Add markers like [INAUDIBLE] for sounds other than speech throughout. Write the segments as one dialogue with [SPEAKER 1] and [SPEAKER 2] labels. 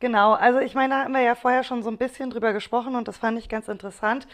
[SPEAKER 1] Genau, also ich meine, da haben wir ja vorher schon so ein bisschen drüber gesprochen und das fand ich ganz interessant.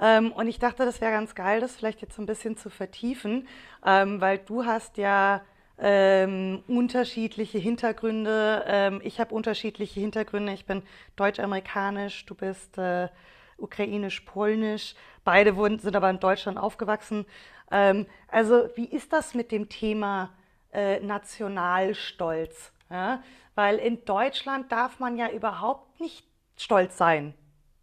[SPEAKER 1] Und ich dachte, das wäre ganz geil, das vielleicht jetzt so ein bisschen zu vertiefen, weil du hast ja unterschiedliche Hintergründe. Ich habe unterschiedliche Hintergründe. Ich bin deutsch-amerikanisch, du bist ukrainisch-polnisch. Sind aber in Deutschland aufgewachsen. Also wie ist das mit dem Thema Nationalstolz. Ja? Weil in Deutschland darf man ja überhaupt nicht stolz sein,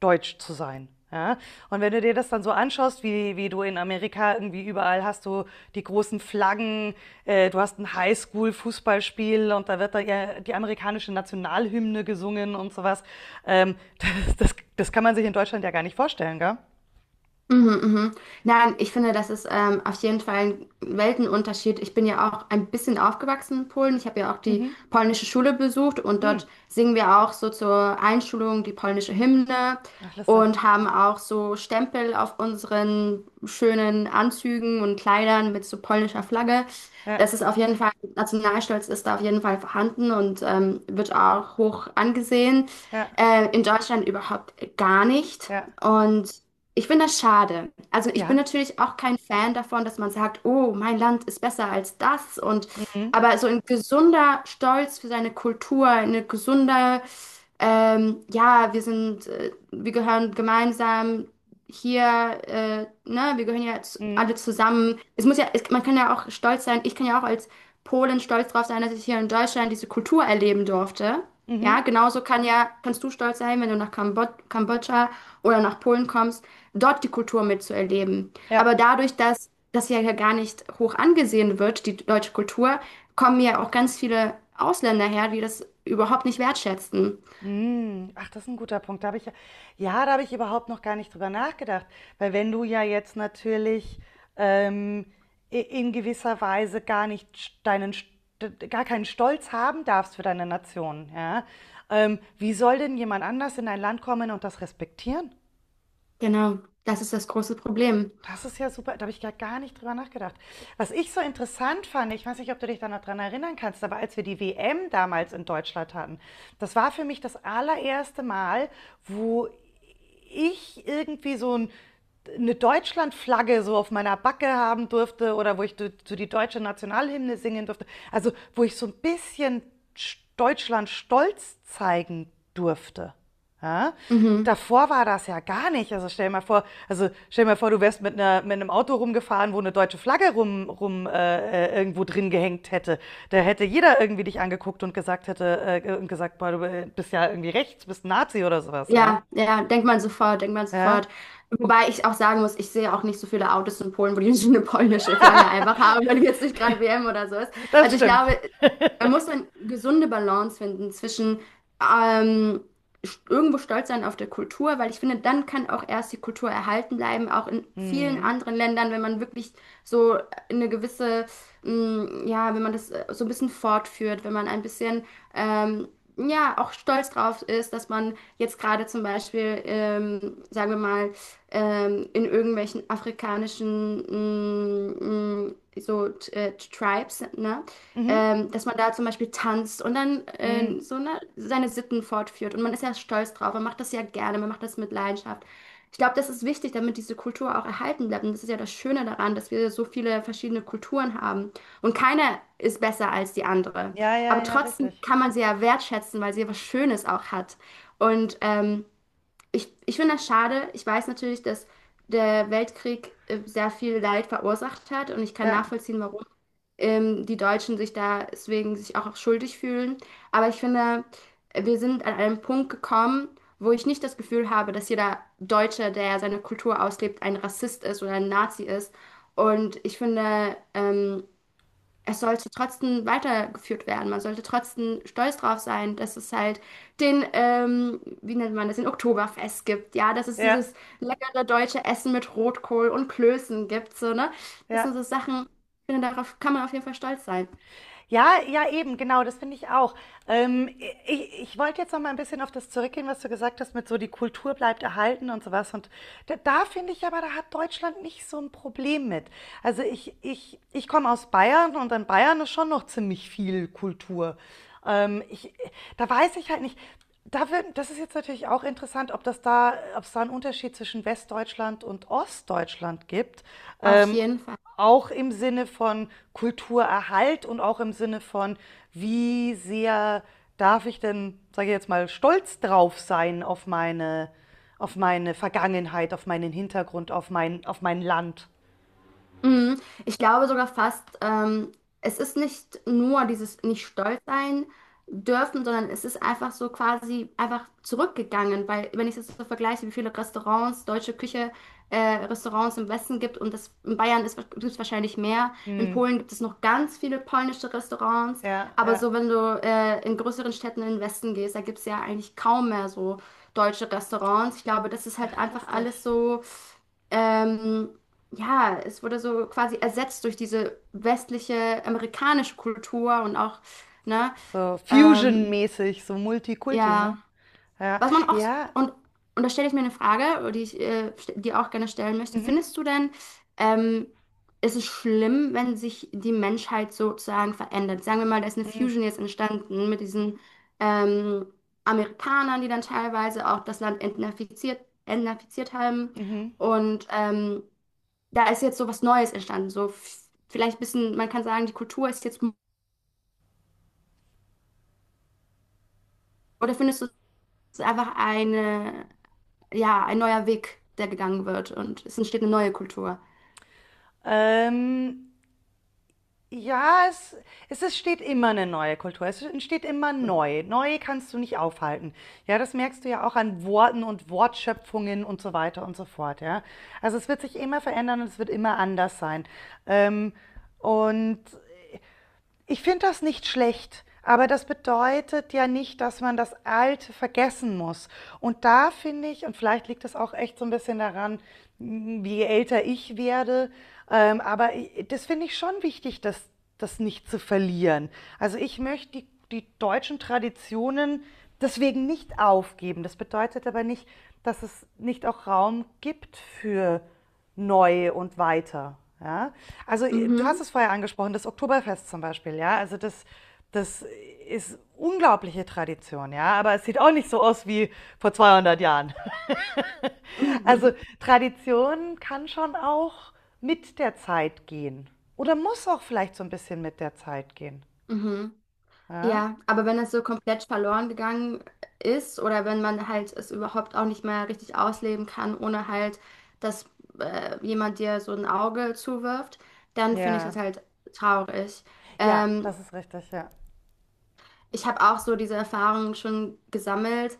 [SPEAKER 1] deutsch zu sein. Ja? Und wenn du dir das dann so anschaust, wie du in Amerika irgendwie überall hast du die großen Flaggen, du hast ein Highschool-Fußballspiel und da wird da ja die amerikanische Nationalhymne gesungen und sowas. [LAUGHS] Das kann man sich in Deutschland ja gar nicht vorstellen, gell?
[SPEAKER 2] Mhm, mhm. Nein, ich finde, das ist auf jeden Fall ein Weltenunterschied. Ich bin ja auch ein bisschen aufgewachsen in Polen. Ich habe ja auch die
[SPEAKER 1] Mhm.
[SPEAKER 2] polnische Schule besucht und dort
[SPEAKER 1] Mhm.
[SPEAKER 2] singen wir auch so zur Einschulung die polnische Hymne
[SPEAKER 1] Ach, lustig.
[SPEAKER 2] und haben auch so Stempel auf unseren schönen Anzügen und Kleidern mit so polnischer Flagge.
[SPEAKER 1] Ja,
[SPEAKER 2] Das ist auf jeden Fall, Nationalstolz ist da auf jeden Fall vorhanden und wird auch hoch angesehen.
[SPEAKER 1] ja,
[SPEAKER 2] In Deutschland überhaupt gar nicht.
[SPEAKER 1] ja,
[SPEAKER 2] Und ich finde das schade. Also ich bin
[SPEAKER 1] ja.
[SPEAKER 2] natürlich auch kein Fan davon, dass man sagt, oh, mein Land ist besser als das, und
[SPEAKER 1] Mhm.
[SPEAKER 2] aber so ein gesunder Stolz für seine Kultur, eine gesunde ja, wir sind, wir gehören gemeinsam hier, ne, wir gehören ja zu,
[SPEAKER 1] Mhm.
[SPEAKER 2] alle zusammen. Es muss ja, es, man kann ja auch stolz sein, ich kann ja auch als Polin stolz drauf sein, dass ich hier in Deutschland diese Kultur erleben durfte. Ja,
[SPEAKER 1] Mhm.
[SPEAKER 2] genauso kann ja, kannst du stolz sein, wenn du nach Kambod Kambodscha oder nach Polen kommst, dort die Kultur mitzuerleben.
[SPEAKER 1] Ja.
[SPEAKER 2] Aber dadurch, dass das ja hier gar nicht hoch angesehen wird, die deutsche Kultur, kommen ja auch ganz viele Ausländer her, die das überhaupt nicht wertschätzen.
[SPEAKER 1] Mhm. Ach, das ist ein guter Punkt. Da habe ich ja, ja, da habe ich überhaupt noch gar nicht drüber nachgedacht. Weil wenn du ja jetzt natürlich ähm, in gewisser Weise gar nicht st- deinen, st- gar keinen Stolz haben darfst für deine Nation, ja, wie soll denn jemand anders in dein Land kommen und das respektieren?
[SPEAKER 2] Genau, das ist das große Problem.
[SPEAKER 1] Das ist ja super, da habe ich ja gar nicht drüber nachgedacht. Was ich so interessant fand, ich weiß nicht, ob du dich da noch dran erinnern kannst, aber als wir die WM damals in Deutschland hatten, das war für mich das allererste Mal, wo ich irgendwie eine Deutschlandflagge so auf meiner Backe haben durfte oder wo ich zu so die deutsche Nationalhymne singen durfte. Also, wo ich so ein bisschen Deutschland stolz zeigen durfte. Ja?
[SPEAKER 2] Mhm.
[SPEAKER 1] Davor war das ja gar nicht. Also stell dir mal vor, du wärst mit einem Auto rumgefahren, wo eine deutsche Flagge rum, rum irgendwo drin gehängt hätte. Da hätte jeder irgendwie dich angeguckt und gesagt hätte und gesagt, boah, du bist ja irgendwie rechts, bist ein Nazi oder sowas, ja.
[SPEAKER 2] Ja, ja, denkt man sofort, denkt man
[SPEAKER 1] Ja,
[SPEAKER 2] sofort. Wobei ich auch sagen muss, ich sehe auch nicht so viele Autos in Polen, wo die [LAUGHS] so eine polnische Flagge
[SPEAKER 1] [LAUGHS]
[SPEAKER 2] einfach haben, wenn jetzt nicht gerade WM oder so ist.
[SPEAKER 1] das
[SPEAKER 2] Also ich
[SPEAKER 1] stimmt.
[SPEAKER 2] glaube, man muss eine gesunde Balance finden zwischen ähm, irgendwo stolz sein auf der Kultur, weil ich finde, dann kann auch erst die Kultur erhalten bleiben, auch in vielen
[SPEAKER 1] Mhm.
[SPEAKER 2] anderen Ländern, wenn man wirklich so eine gewisse, mh, ja, wenn man das so ein bisschen fortführt, wenn man ein bisschen ähm, ja, auch stolz drauf ist, dass man jetzt gerade zum Beispiel, sagen wir mal, in irgendwelchen afrikanischen so Tribes, ne?
[SPEAKER 1] Mhm.
[SPEAKER 2] Dass man da zum Beispiel tanzt und dann
[SPEAKER 1] Mhm.
[SPEAKER 2] so ne, seine Sitten fortführt. Und man ist ja stolz drauf, man macht das ja gerne, man macht das mit Leidenschaft. Ich glaube, das ist wichtig, damit diese Kultur auch erhalten bleibt. Und das ist ja das Schöne daran, dass wir so viele verschiedene Kulturen haben. Und keine ist besser als die andere.
[SPEAKER 1] Ja, ja,
[SPEAKER 2] Aber
[SPEAKER 1] ja,
[SPEAKER 2] trotzdem
[SPEAKER 1] richtig.
[SPEAKER 2] kann man sie ja wertschätzen, weil sie ja was Schönes auch hat. Und ich finde das schade. Ich weiß natürlich, dass der Weltkrieg sehr viel Leid verursacht hat und ich kann
[SPEAKER 1] Ja,
[SPEAKER 2] nachvollziehen, warum die Deutschen sich da deswegen sich auch schuldig fühlen. Aber ich finde, wir sind an einem Punkt gekommen, wo ich nicht das Gefühl habe, dass jeder Deutsche, der seine Kultur auslebt, ein Rassist ist oder ein Nazi ist. Und ich finde, es sollte trotzdem weitergeführt werden. Man sollte trotzdem stolz drauf sein, dass es halt den, wie nennt man das, den Oktoberfest gibt. Ja, dass es
[SPEAKER 1] ja,
[SPEAKER 2] dieses leckere deutsche Essen mit Rotkohl und Klößen gibt. So, ne? Das sind
[SPEAKER 1] ja.
[SPEAKER 2] so Sachen, ich finde, darauf kann man auf jeden Fall stolz sein.
[SPEAKER 1] Ja, ja, eben, genau, das finde ich auch. Ähm, ich wollte jetzt noch mal ein bisschen auf das zurückgehen, was du gesagt hast, mit so die Kultur bleibt erhalten und sowas. Und da finde ich aber, da hat Deutschland nicht so ein Problem mit. Also ich komme aus Bayern und in Bayern ist schon noch ziemlich viel Kultur. Ähm, ich, da weiß ich halt nicht. Das ist jetzt natürlich auch interessant, ob es da einen Unterschied zwischen Westdeutschland und Ostdeutschland gibt.
[SPEAKER 2] Auf
[SPEAKER 1] Ähm,
[SPEAKER 2] jeden Fall.
[SPEAKER 1] auch im Sinne von Kulturerhalt und auch im Sinne von, wie sehr darf ich denn, sage ich jetzt mal, stolz drauf sein auf auf meine Vergangenheit, auf meinen Hintergrund, auf auf mein Land.
[SPEAKER 2] Mhm. Ich glaube sogar fast, es ist nicht nur dieses nicht stolz sein dürfen, sondern es ist einfach so quasi einfach zurückgegangen, weil wenn ich es jetzt so vergleiche, wie viele Restaurants, deutsche Küche, äh, Restaurants im Westen gibt und das in Bayern ist, gibt es wahrscheinlich mehr. In
[SPEAKER 1] Hm.
[SPEAKER 2] Polen gibt es noch ganz viele polnische Restaurants,
[SPEAKER 1] Ja,
[SPEAKER 2] aber
[SPEAKER 1] ja.
[SPEAKER 2] so wenn du in größeren Städten in den Westen gehst, da gibt es ja eigentlich kaum mehr so deutsche Restaurants. Ich glaube, das ist halt
[SPEAKER 1] Ach,
[SPEAKER 2] einfach
[SPEAKER 1] lustig.
[SPEAKER 2] alles so ähm, ja, es wurde so quasi ersetzt durch diese westliche amerikanische Kultur und auch, ne,
[SPEAKER 1] So
[SPEAKER 2] ähm,
[SPEAKER 1] Fusion-mäßig, so Multikulti, ne?
[SPEAKER 2] ja,
[SPEAKER 1] Ja,
[SPEAKER 2] was man auch,
[SPEAKER 1] ja.
[SPEAKER 2] und, und da stelle ich mir eine Frage, die ich dir auch gerne stellen möchte.
[SPEAKER 1] Mhm.
[SPEAKER 2] Findest du denn, ähm, ist es schlimm, wenn sich die Menschheit sozusagen verändert? Sagen wir mal, da ist eine
[SPEAKER 1] Mhm.
[SPEAKER 2] Fusion jetzt entstanden mit diesen ähm, Amerikanern, die dann teilweise auch das Land entnazifiziert haben
[SPEAKER 1] Mhm.
[SPEAKER 2] und da ist jetzt so was Neues entstanden. So vielleicht ein bisschen, man kann sagen, die Kultur ist jetzt, oder findest du, es ist einfach eine, ja, ein neuer Weg, der gegangen wird und es entsteht eine neue Kultur.
[SPEAKER 1] Ähm, ja, es steht immer eine neue Kultur. Es entsteht immer neu. Neu kannst du nicht aufhalten. Ja, das merkst du ja auch an Worten und Wortschöpfungen und so weiter und so fort. Ja, also es wird sich immer verändern und es wird immer anders sein. Ähm, und ich finde das nicht schlecht, aber das bedeutet ja nicht, dass man das Alte vergessen muss. Und da finde ich, und vielleicht liegt es auch echt so ein bisschen daran, hm, wie älter ich werde, aber das finde ich schon wichtig, das nicht zu verlieren. Also, ich möchte die deutschen Traditionen deswegen nicht aufgeben. Das bedeutet aber nicht, dass es nicht auch Raum gibt für neu und weiter. Ja? Also du hast
[SPEAKER 2] Mhm.
[SPEAKER 1] es vorher angesprochen, das Oktoberfest zum Beispiel, ja. Das ist unglaubliche Tradition, ja. Aber es sieht auch nicht so aus wie vor 200 Jahren. [LAUGHS] Also
[SPEAKER 2] [LAUGHS]
[SPEAKER 1] Tradition kann schon auch mit der Zeit gehen oder muss auch vielleicht so ein bisschen mit der Zeit gehen.
[SPEAKER 2] Mhm.
[SPEAKER 1] Ja,
[SPEAKER 2] Ja, aber wenn es so komplett verloren gegangen ist oder wenn man halt es überhaupt auch nicht mehr richtig ausleben kann, ohne halt, dass jemand dir so ein Auge zuwirft, dann finde ich das
[SPEAKER 1] ja,
[SPEAKER 2] halt traurig.
[SPEAKER 1] ja,
[SPEAKER 2] Ähm,
[SPEAKER 1] das ist richtig, ja.
[SPEAKER 2] Ich habe auch so diese Erfahrungen schon gesammelt,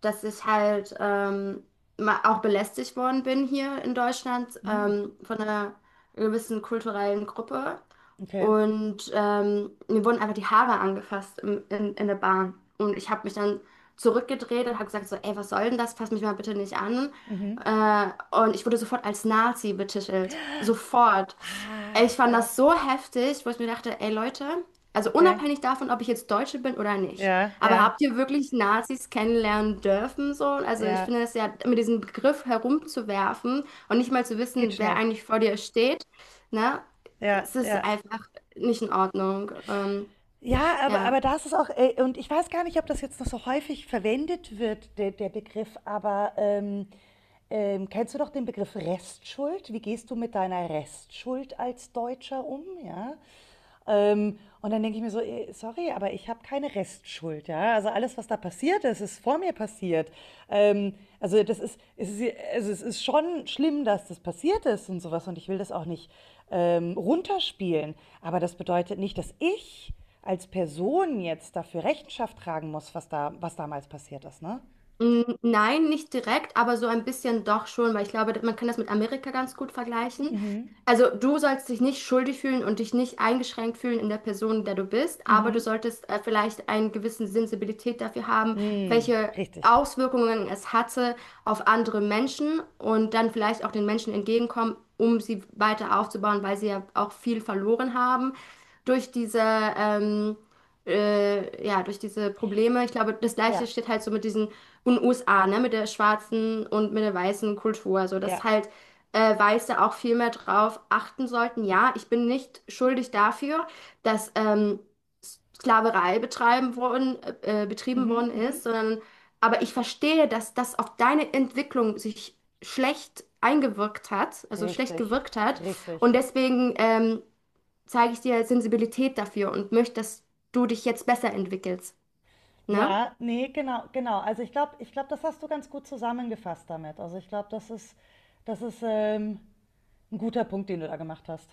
[SPEAKER 2] dass ich halt auch belästigt worden bin hier in Deutschland
[SPEAKER 1] Hm,
[SPEAKER 2] von einer gewissen kulturellen Gruppe.
[SPEAKER 1] okay.
[SPEAKER 2] Und mir wurden einfach die Haare angefasst in der Bahn. Und ich habe mich dann zurückgedreht und habe gesagt so, ey, was soll denn das? Fass mich mal bitte nicht an.
[SPEAKER 1] Mhm.
[SPEAKER 2] Äh, und ich wurde sofort als Nazi betitelt. Sofort.
[SPEAKER 1] Ach,
[SPEAKER 2] Ich fand
[SPEAKER 1] krass.
[SPEAKER 2] das so heftig, wo ich mir dachte, ey Leute. Also
[SPEAKER 1] Okay.
[SPEAKER 2] unabhängig davon, ob ich jetzt Deutsche bin oder nicht.
[SPEAKER 1] Ja,
[SPEAKER 2] Aber
[SPEAKER 1] ja,
[SPEAKER 2] habt ihr wirklich Nazis kennenlernen dürfen so? Also ich
[SPEAKER 1] ja.
[SPEAKER 2] finde das ja, mit diesem Begriff herumzuwerfen und nicht mal zu
[SPEAKER 1] Geht
[SPEAKER 2] wissen, wer
[SPEAKER 1] schnell.
[SPEAKER 2] eigentlich vor dir steht, ne?
[SPEAKER 1] Ja,
[SPEAKER 2] Es ist
[SPEAKER 1] ja.
[SPEAKER 2] einfach nicht in Ordnung.
[SPEAKER 1] Ja,
[SPEAKER 2] Ja.
[SPEAKER 1] aber da ist es auch, und ich weiß gar nicht, ob das jetzt noch so häufig verwendet wird, der Begriff, aber kennst du doch den Begriff Restschuld? Wie gehst du mit deiner Restschuld als Deutscher um? Ja? Und dann denke ich mir so, eh, sorry, aber ich habe keine Restschuld, ja. Also alles, was da passiert ist, ist vor mir passiert. Ähm, also das ist, es ist, also es ist schon schlimm, dass das passiert ist und sowas. Und ich will das auch nicht runterspielen. Aber das bedeutet nicht, dass ich als Person jetzt dafür Rechenschaft tragen muss, was damals passiert ist, ne?
[SPEAKER 2] Mm, nein, nicht direkt, aber so ein bisschen doch schon, weil ich glaube, man kann das mit Amerika ganz gut vergleichen.
[SPEAKER 1] Mhm.
[SPEAKER 2] Also du sollst dich nicht schuldig fühlen und dich nicht eingeschränkt fühlen in der Person, der du bist, aber du
[SPEAKER 1] Mhm.
[SPEAKER 2] solltest vielleicht einen gewissen Sensibilität dafür haben,
[SPEAKER 1] Mhm.
[SPEAKER 2] welche
[SPEAKER 1] Richtig.
[SPEAKER 2] Auswirkungen es hatte auf andere Menschen und dann vielleicht auch den Menschen entgegenkommen, um sie weiter aufzubauen, weil sie ja auch viel verloren haben durch diese ja, durch diese Probleme. Ich glaube, das Gleiche
[SPEAKER 1] Ja.
[SPEAKER 2] steht halt so mit diesen und USA, ne, mit der schwarzen und mit der weißen Kultur, so dass
[SPEAKER 1] Ja.
[SPEAKER 2] halt Weiße auch viel mehr drauf achten sollten. Ja, ich bin nicht schuldig dafür, dass Sklaverei betrieben
[SPEAKER 1] Mhm.
[SPEAKER 2] worden
[SPEAKER 1] Mhm.
[SPEAKER 2] ist, sondern aber ich verstehe, dass das auf deine Entwicklung sich schlecht eingewirkt hat, also schlecht
[SPEAKER 1] Richtig.
[SPEAKER 2] gewirkt hat
[SPEAKER 1] Richtig.
[SPEAKER 2] und deswegen zeige ich dir Sensibilität dafür und möchte, dass du dich jetzt besser entwickelst, ne?
[SPEAKER 1] Ja, nee, genau, genau. Also ich glaube, das hast du ganz gut zusammengefasst damit. Also ich glaube, das ist ein guter Punkt, den du da gemacht hast.